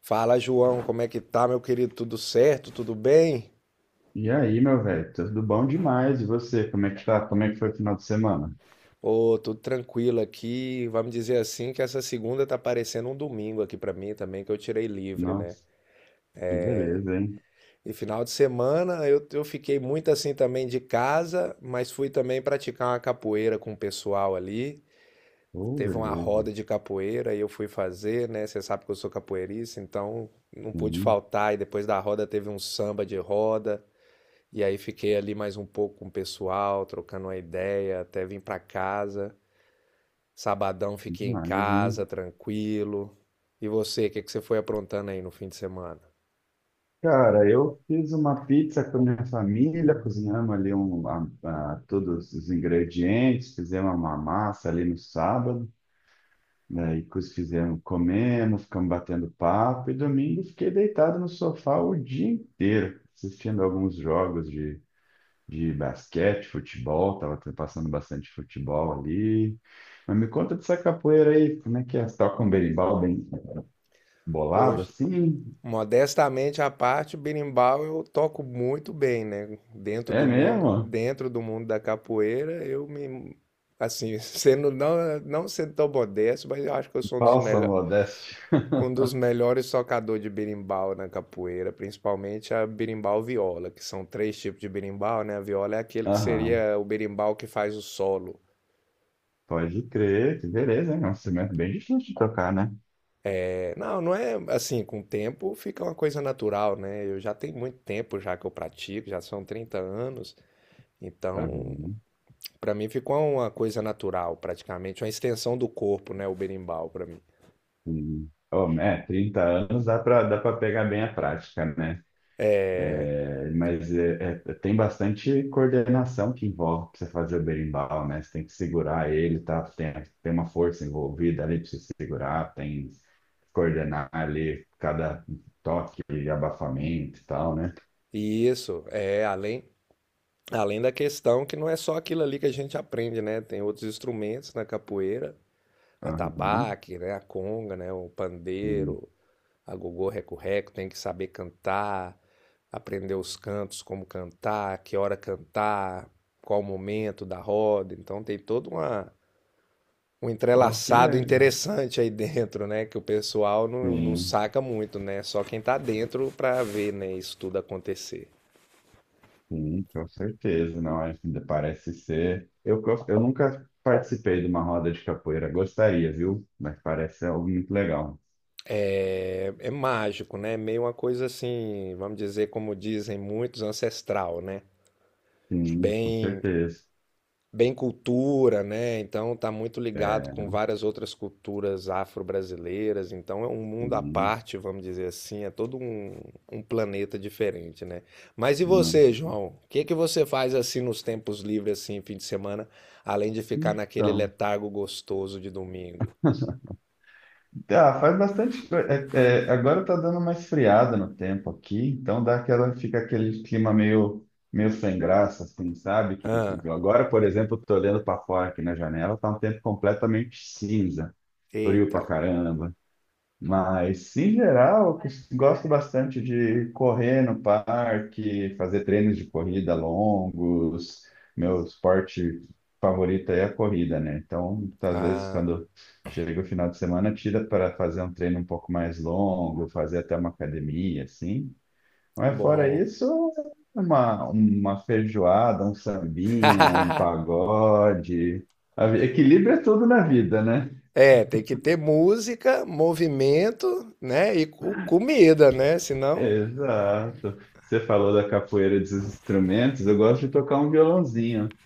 Fala, João, como é que tá, meu querido? Tudo certo? Tudo bem? E aí, meu velho, tudo bom demais. E você, como é que tá? Como é que foi o final de semana? Ô, tudo tranquilo aqui. Vamos dizer assim que essa segunda tá parecendo um domingo aqui pra mim também, que eu tirei livre, né? Nossa, que beleza, hein? E final de semana eu fiquei muito assim também de casa, mas fui também praticar uma capoeira com o pessoal ali. Oh, Teve uma beleza. roda de capoeira e eu fui fazer, né? Você sabe que eu sou capoeirista, então não pude Sim, faltar. E depois da roda teve um samba de roda. E aí fiquei ali mais um pouco com o pessoal, trocando uma ideia, até vim para casa. Sabadão fiquei em demais, hein? casa, tranquilo. E você, o que que você foi aprontando aí no fim de semana? Cara, eu fiz uma pizza com a minha família, cozinhamos ali todos os ingredientes, fizemos uma massa ali no sábado, daí fizemos, comemos, ficamos batendo papo, e domingo fiquei deitado no sofá o dia inteiro, assistindo alguns jogos de basquete, futebol, tava passando bastante futebol ali. Mas me conta dessa capoeira aí, como é que é? Você toca um berimbau bem bolado Poxa, assim? modestamente à parte, berimbau eu toco muito bem, né? É mesmo? Dentro do mundo da capoeira, eu me assim, sendo não sendo tão modesto, mas eu acho que eu sou Falsa modéstia. um dos melhores tocadores de berimbau na capoeira, principalmente a berimbau viola, que são três tipos de berimbau, né? A viola é aquele que Aham, seria o berimbau que faz o solo. pode crer, que beleza, hein? É um instrumento bem difícil de tocar, né? É, não, não é assim, com o tempo fica uma coisa natural, né? Eu já tenho muito tempo já que eu pratico, já são 30 anos, então Aham, para mim ficou uma coisa natural, praticamente uma extensão do corpo, né, o berimbau para mim. sim. Oh, é, 30 anos dá pra pegar bem a prática, né? É, mas tem bastante coordenação que envolve para você fazer o berimbau, né? Você tem que segurar ele, tá? Tem uma força envolvida ali para você segurar, tem que coordenar ali cada toque e abafamento e tal, né? E isso é além Além da questão que não é só aquilo ali que a gente aprende, né? Tem outros instrumentos na capoeira, Aham, atabaque, né? A conga, né? O sim. pandeiro, a gogô, reco-reco, tem que saber cantar, aprender os cantos, como cantar, que hora cantar, qual momento da roda. Então tem um Pô, que entrelaçado legal. interessante aí dentro, né? Que o pessoal não Sim, saca muito, né? Só quem tá dentro para ver, né? Isso tudo acontecer. sim, com certeza. Não, parece ser. Eu nunca participei de uma roda de capoeira, gostaria, viu? Mas parece algo muito legal. É, é mágico, né? Meio uma coisa assim, vamos dizer, como dizem muitos, ancestral, né? Sim, com Bem certeza. bem cultura, né? Então tá muito ligado É, com várias outras culturas afro-brasileiras. Então é um mundo à sim, parte, vamos dizer assim, um planeta diferente, né? Mas e não. você, João? O que que você faz assim nos tempos livres, assim, fim de semana, além de ficar naquele Então, letargo gostoso de domingo? ah, faz bastante. Agora tá dando uma esfriada no tempo aqui, então dá aquela, fica aquele clima meio sem graça, assim, sabe? Ah, Agora, por exemplo, eu tô olhando para fora aqui na janela, tá um tempo completamente cinza, frio pra eita, caramba. Mas, em geral, eu gosto bastante de correr no parque, fazer treinos de corrida longos. Meu esporte favorito é a corrida, né? Então, às vezes, ah, quando chega o final de semana, tira para fazer um treino um pouco mais longo, fazer até uma academia, assim. Mas, fora bom. isso, uma feijoada, um sambinha, um pagode. Equilíbrio é tudo na vida, né? É, tem que ter música, movimento, né? E comida, né? Senão. Exato. Você falou da capoeira dos instrumentos, eu gosto de tocar um violãozinho.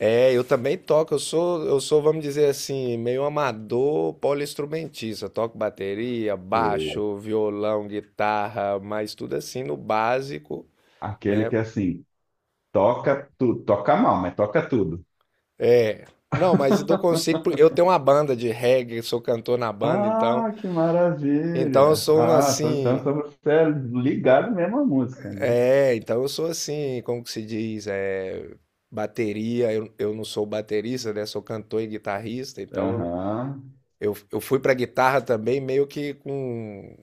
É, eu também toco, eu sou, vamos dizer assim, meio amador poliinstrumentista. Eu toco bateria, É. baixo, violão, guitarra, mas tudo assim no básico, Aquele né? que assim, toca tudo, toca mal, mas toca tudo. É. Não, mas eu não consigo, porque eu tenho uma banda de reggae, sou cantor na banda, então, Ah, que então eu maravilha! sou um Ah, então só assim, você é ligado mesmo à música, né? é, então eu sou assim, como que se diz, é, bateria, eu não sou baterista, né? Sou cantor e guitarrista, então eu, Aham, eu, eu fui pra guitarra também meio que com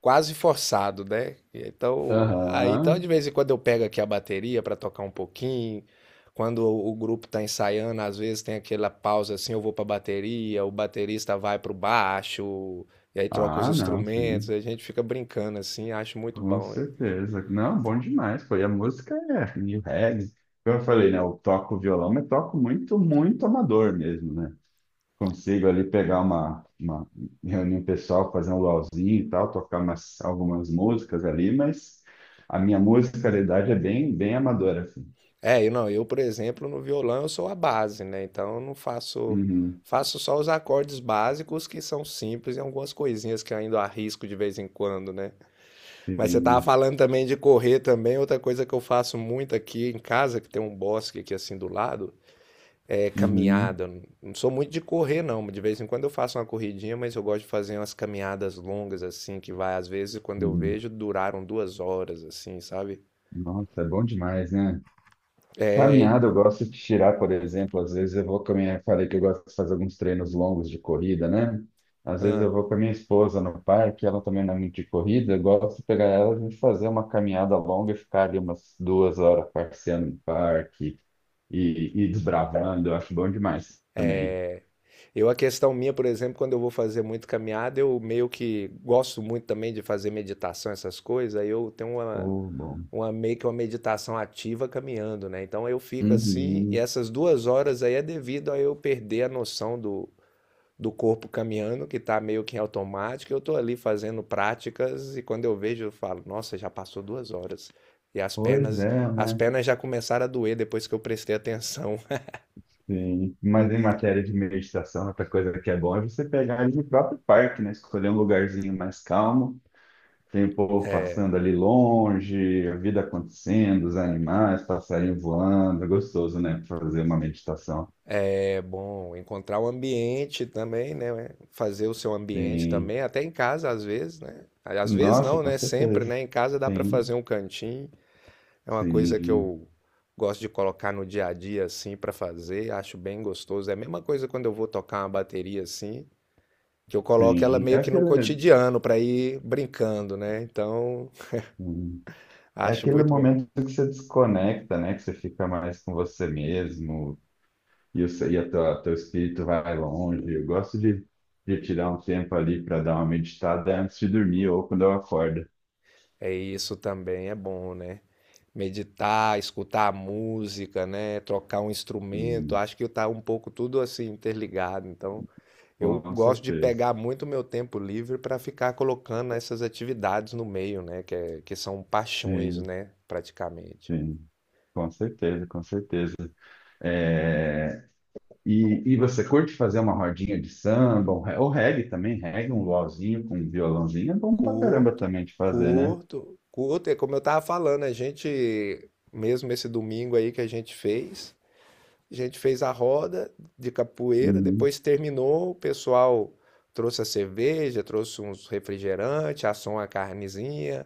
quase forçado, né? Então, aí então de aham. vez em quando eu pego aqui a bateria para tocar um pouquinho. Quando o grupo tá ensaiando, às vezes tem aquela pausa assim, eu vou para bateria, o baterista vai pro baixo, e aí troca os Ah, não, instrumentos, sim, a gente fica brincando assim, acho muito com bom, hein? certeza. Não, bom demais, foi. A música é e reggae. Como eu falei, né? Eu toco violão, mas toco muito, muito amador mesmo, né? Consigo ali pegar uma reunião pessoal, fazer um luauzinho e tal, tocar algumas músicas ali, mas a minha musicalidade é bem, bem amadora, assim. É, eu, por exemplo, no violão eu sou a base, né? Então eu não faço Uhum, faço só os acordes básicos que são simples e algumas coisinhas que eu ainda arrisco de vez em quando, né? Mas você tava sim, falando também de correr também. Outra coisa que eu faço muito aqui em casa, que tem um bosque aqui assim do lado, é uhum, caminhada. Eu não sou muito de correr, não. De vez em quando eu faço uma corridinha, mas eu gosto de fazer umas caminhadas longas, assim, que vai, às vezes, quando eu sim. vejo, duraram 2 horas, assim, sabe? Nossa, é bom demais, né? É, Caminhada, eu gosto de tirar, por exemplo, às vezes eu vou falei que eu gosto de fazer alguns treinos longos de corrida, né? Às vezes ah, eu vou com a minha esposa no parque, ela também não é muito de corrida, eu gosto de pegar ela e a gente fazer uma caminhada longa e ficar ali umas 2 horas passeando no parque e desbravando, eu acho bom demais também. eu, a questão minha, por exemplo, quando eu vou fazer muito caminhada, eu meio que gosto muito também de fazer meditação, essas coisas. Aí eu tenho Oh, bom. uma meio que uma meditação ativa caminhando, né? Então eu fico assim, e Uhum. essas 2 horas aí é devido a eu perder a noção do corpo caminhando, que tá meio que em automático. Eu tô ali fazendo práticas e quando eu vejo, eu falo, nossa, já passou 2 horas. E Pois é, as né? pernas já começaram a doer depois que eu prestei atenção. Sim. Mas em matéria de meditação, outra coisa que é bom é você pegar ali no próprio parque, né? Escolher um lugarzinho mais calmo. Tem o povo passando ali longe, a vida acontecendo, os animais, passarinho voando, é gostoso, né? Fazer uma meditação. É bom encontrar o ambiente também, né? Fazer o seu ambiente Sim. também, até em casa às vezes, né? Às vezes Nossa, não, com né? Sempre, certeza. né? Em casa dá para fazer Sim, um cantinho. É uma coisa que sim, eu gosto de colocar no dia a dia assim para fazer, acho bem gostoso. É a mesma coisa quando eu vou tocar uma bateria assim, que eu coloco ela sim. Meio que no cotidiano para ir brincando, né? Então, hum, é acho aquele muito bom. momento que você desconecta, né? Que você fica mais com você mesmo e teu espírito vai longe. Eu gosto de tirar um tempo ali para dar uma meditada antes de dormir ou quando eu acordo. É, isso também é bom, né? Meditar, escutar a música, né? Trocar um instrumento, Sim, acho que tá um pouco tudo assim interligado, então eu com gosto de certeza. pegar muito meu tempo livre para ficar colocando essas atividades no meio, né? Que, que são paixões, Sim. né? Praticamente. Sim, com certeza, com certeza. É, e você curte fazer uma rodinha de samba, um ou reggae também, um luauzinho com um violãozinho, é bom pra caramba Curto, também de fazer, né? curto, curto. É como eu tava falando, a gente, mesmo esse domingo aí que a gente fez, a gente fez a roda de capoeira, Uhum. depois terminou, o pessoal trouxe a cerveja, trouxe uns refrigerantes, assou uma carnezinha,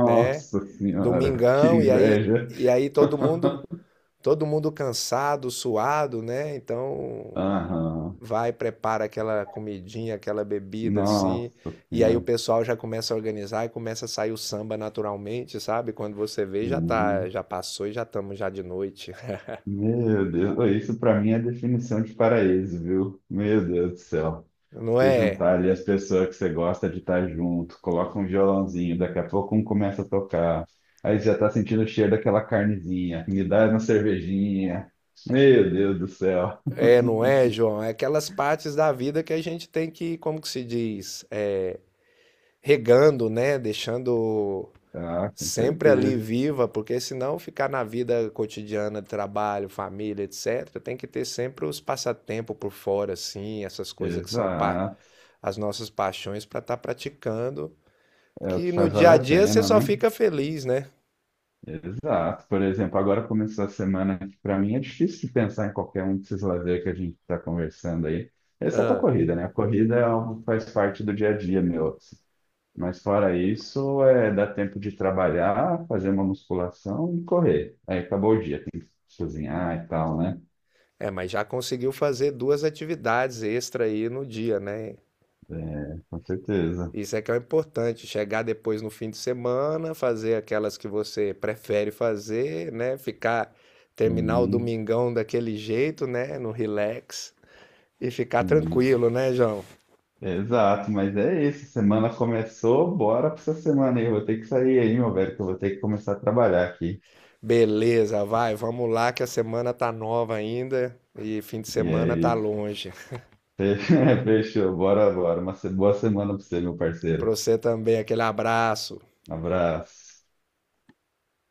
né? senhora, que Domingão, e aí, inveja! e aí todo mundo. todo mundo cansado, suado, né? Então Aham, vai, prepara aquela comidinha, aquela bebida assim, nossa e aí o senhora, pessoal já começa a organizar e começa a sair o samba naturalmente, sabe? Quando você vê, já tá, sim. já passou e já estamos já de noite. Meu Deus, isso para mim é definição de paraíso, viu? Meu Deus do céu. Não Se é? juntar ali as pessoas que você gosta de estar junto, coloca um violãozinho, daqui a pouco um começa a tocar, aí já tá sentindo o cheiro daquela carnezinha, me dá uma cervejinha. Meu Deus do céu. É, não é, João? É aquelas partes da vida que a gente tem que, como que se diz, é, regando, né? Deixando Ah, com sempre ali certeza. viva, porque senão ficar na vida cotidiana, trabalho, família, etc., tem que ter sempre os passatempos por fora, assim, essas coisas que Exato. as nossas paixões para estar praticando, É o que que no faz dia valer a a dia você pena, só né? fica feliz, né? Exato. Por exemplo, agora começou a semana que para mim é difícil de pensar em qualquer um desses lazer que a gente está conversando aí, exceto a Ah, corrida, né? A corrida é algo que faz parte do dia a dia meu, assim. Mas fora isso, é dar tempo de trabalhar, fazer uma musculação e correr. Aí acabou o dia, tem que cozinhar e tal, né? é, mas já conseguiu fazer duas atividades extra aí no dia, né? É, com certeza. Isso é que é o importante, chegar depois no fim de semana, fazer aquelas que você prefere fazer, né? Ficar, terminar o Sim, domingão daquele jeito, né? No relax e ficar sim. tranquilo, né, João? Exato, mas é isso. Semana começou, bora pra essa semana aí. Eu vou ter que sair aí, meu velho, que eu vou ter que começar a trabalhar aqui. Beleza, vai, vamos lá que a semana tá nova ainda e fim de E semana tá é longe. Fe- Fechou, bora, bora. Uma se- boa semana pra você, meu Pra parceiro. você também, aquele abraço. Um abraço.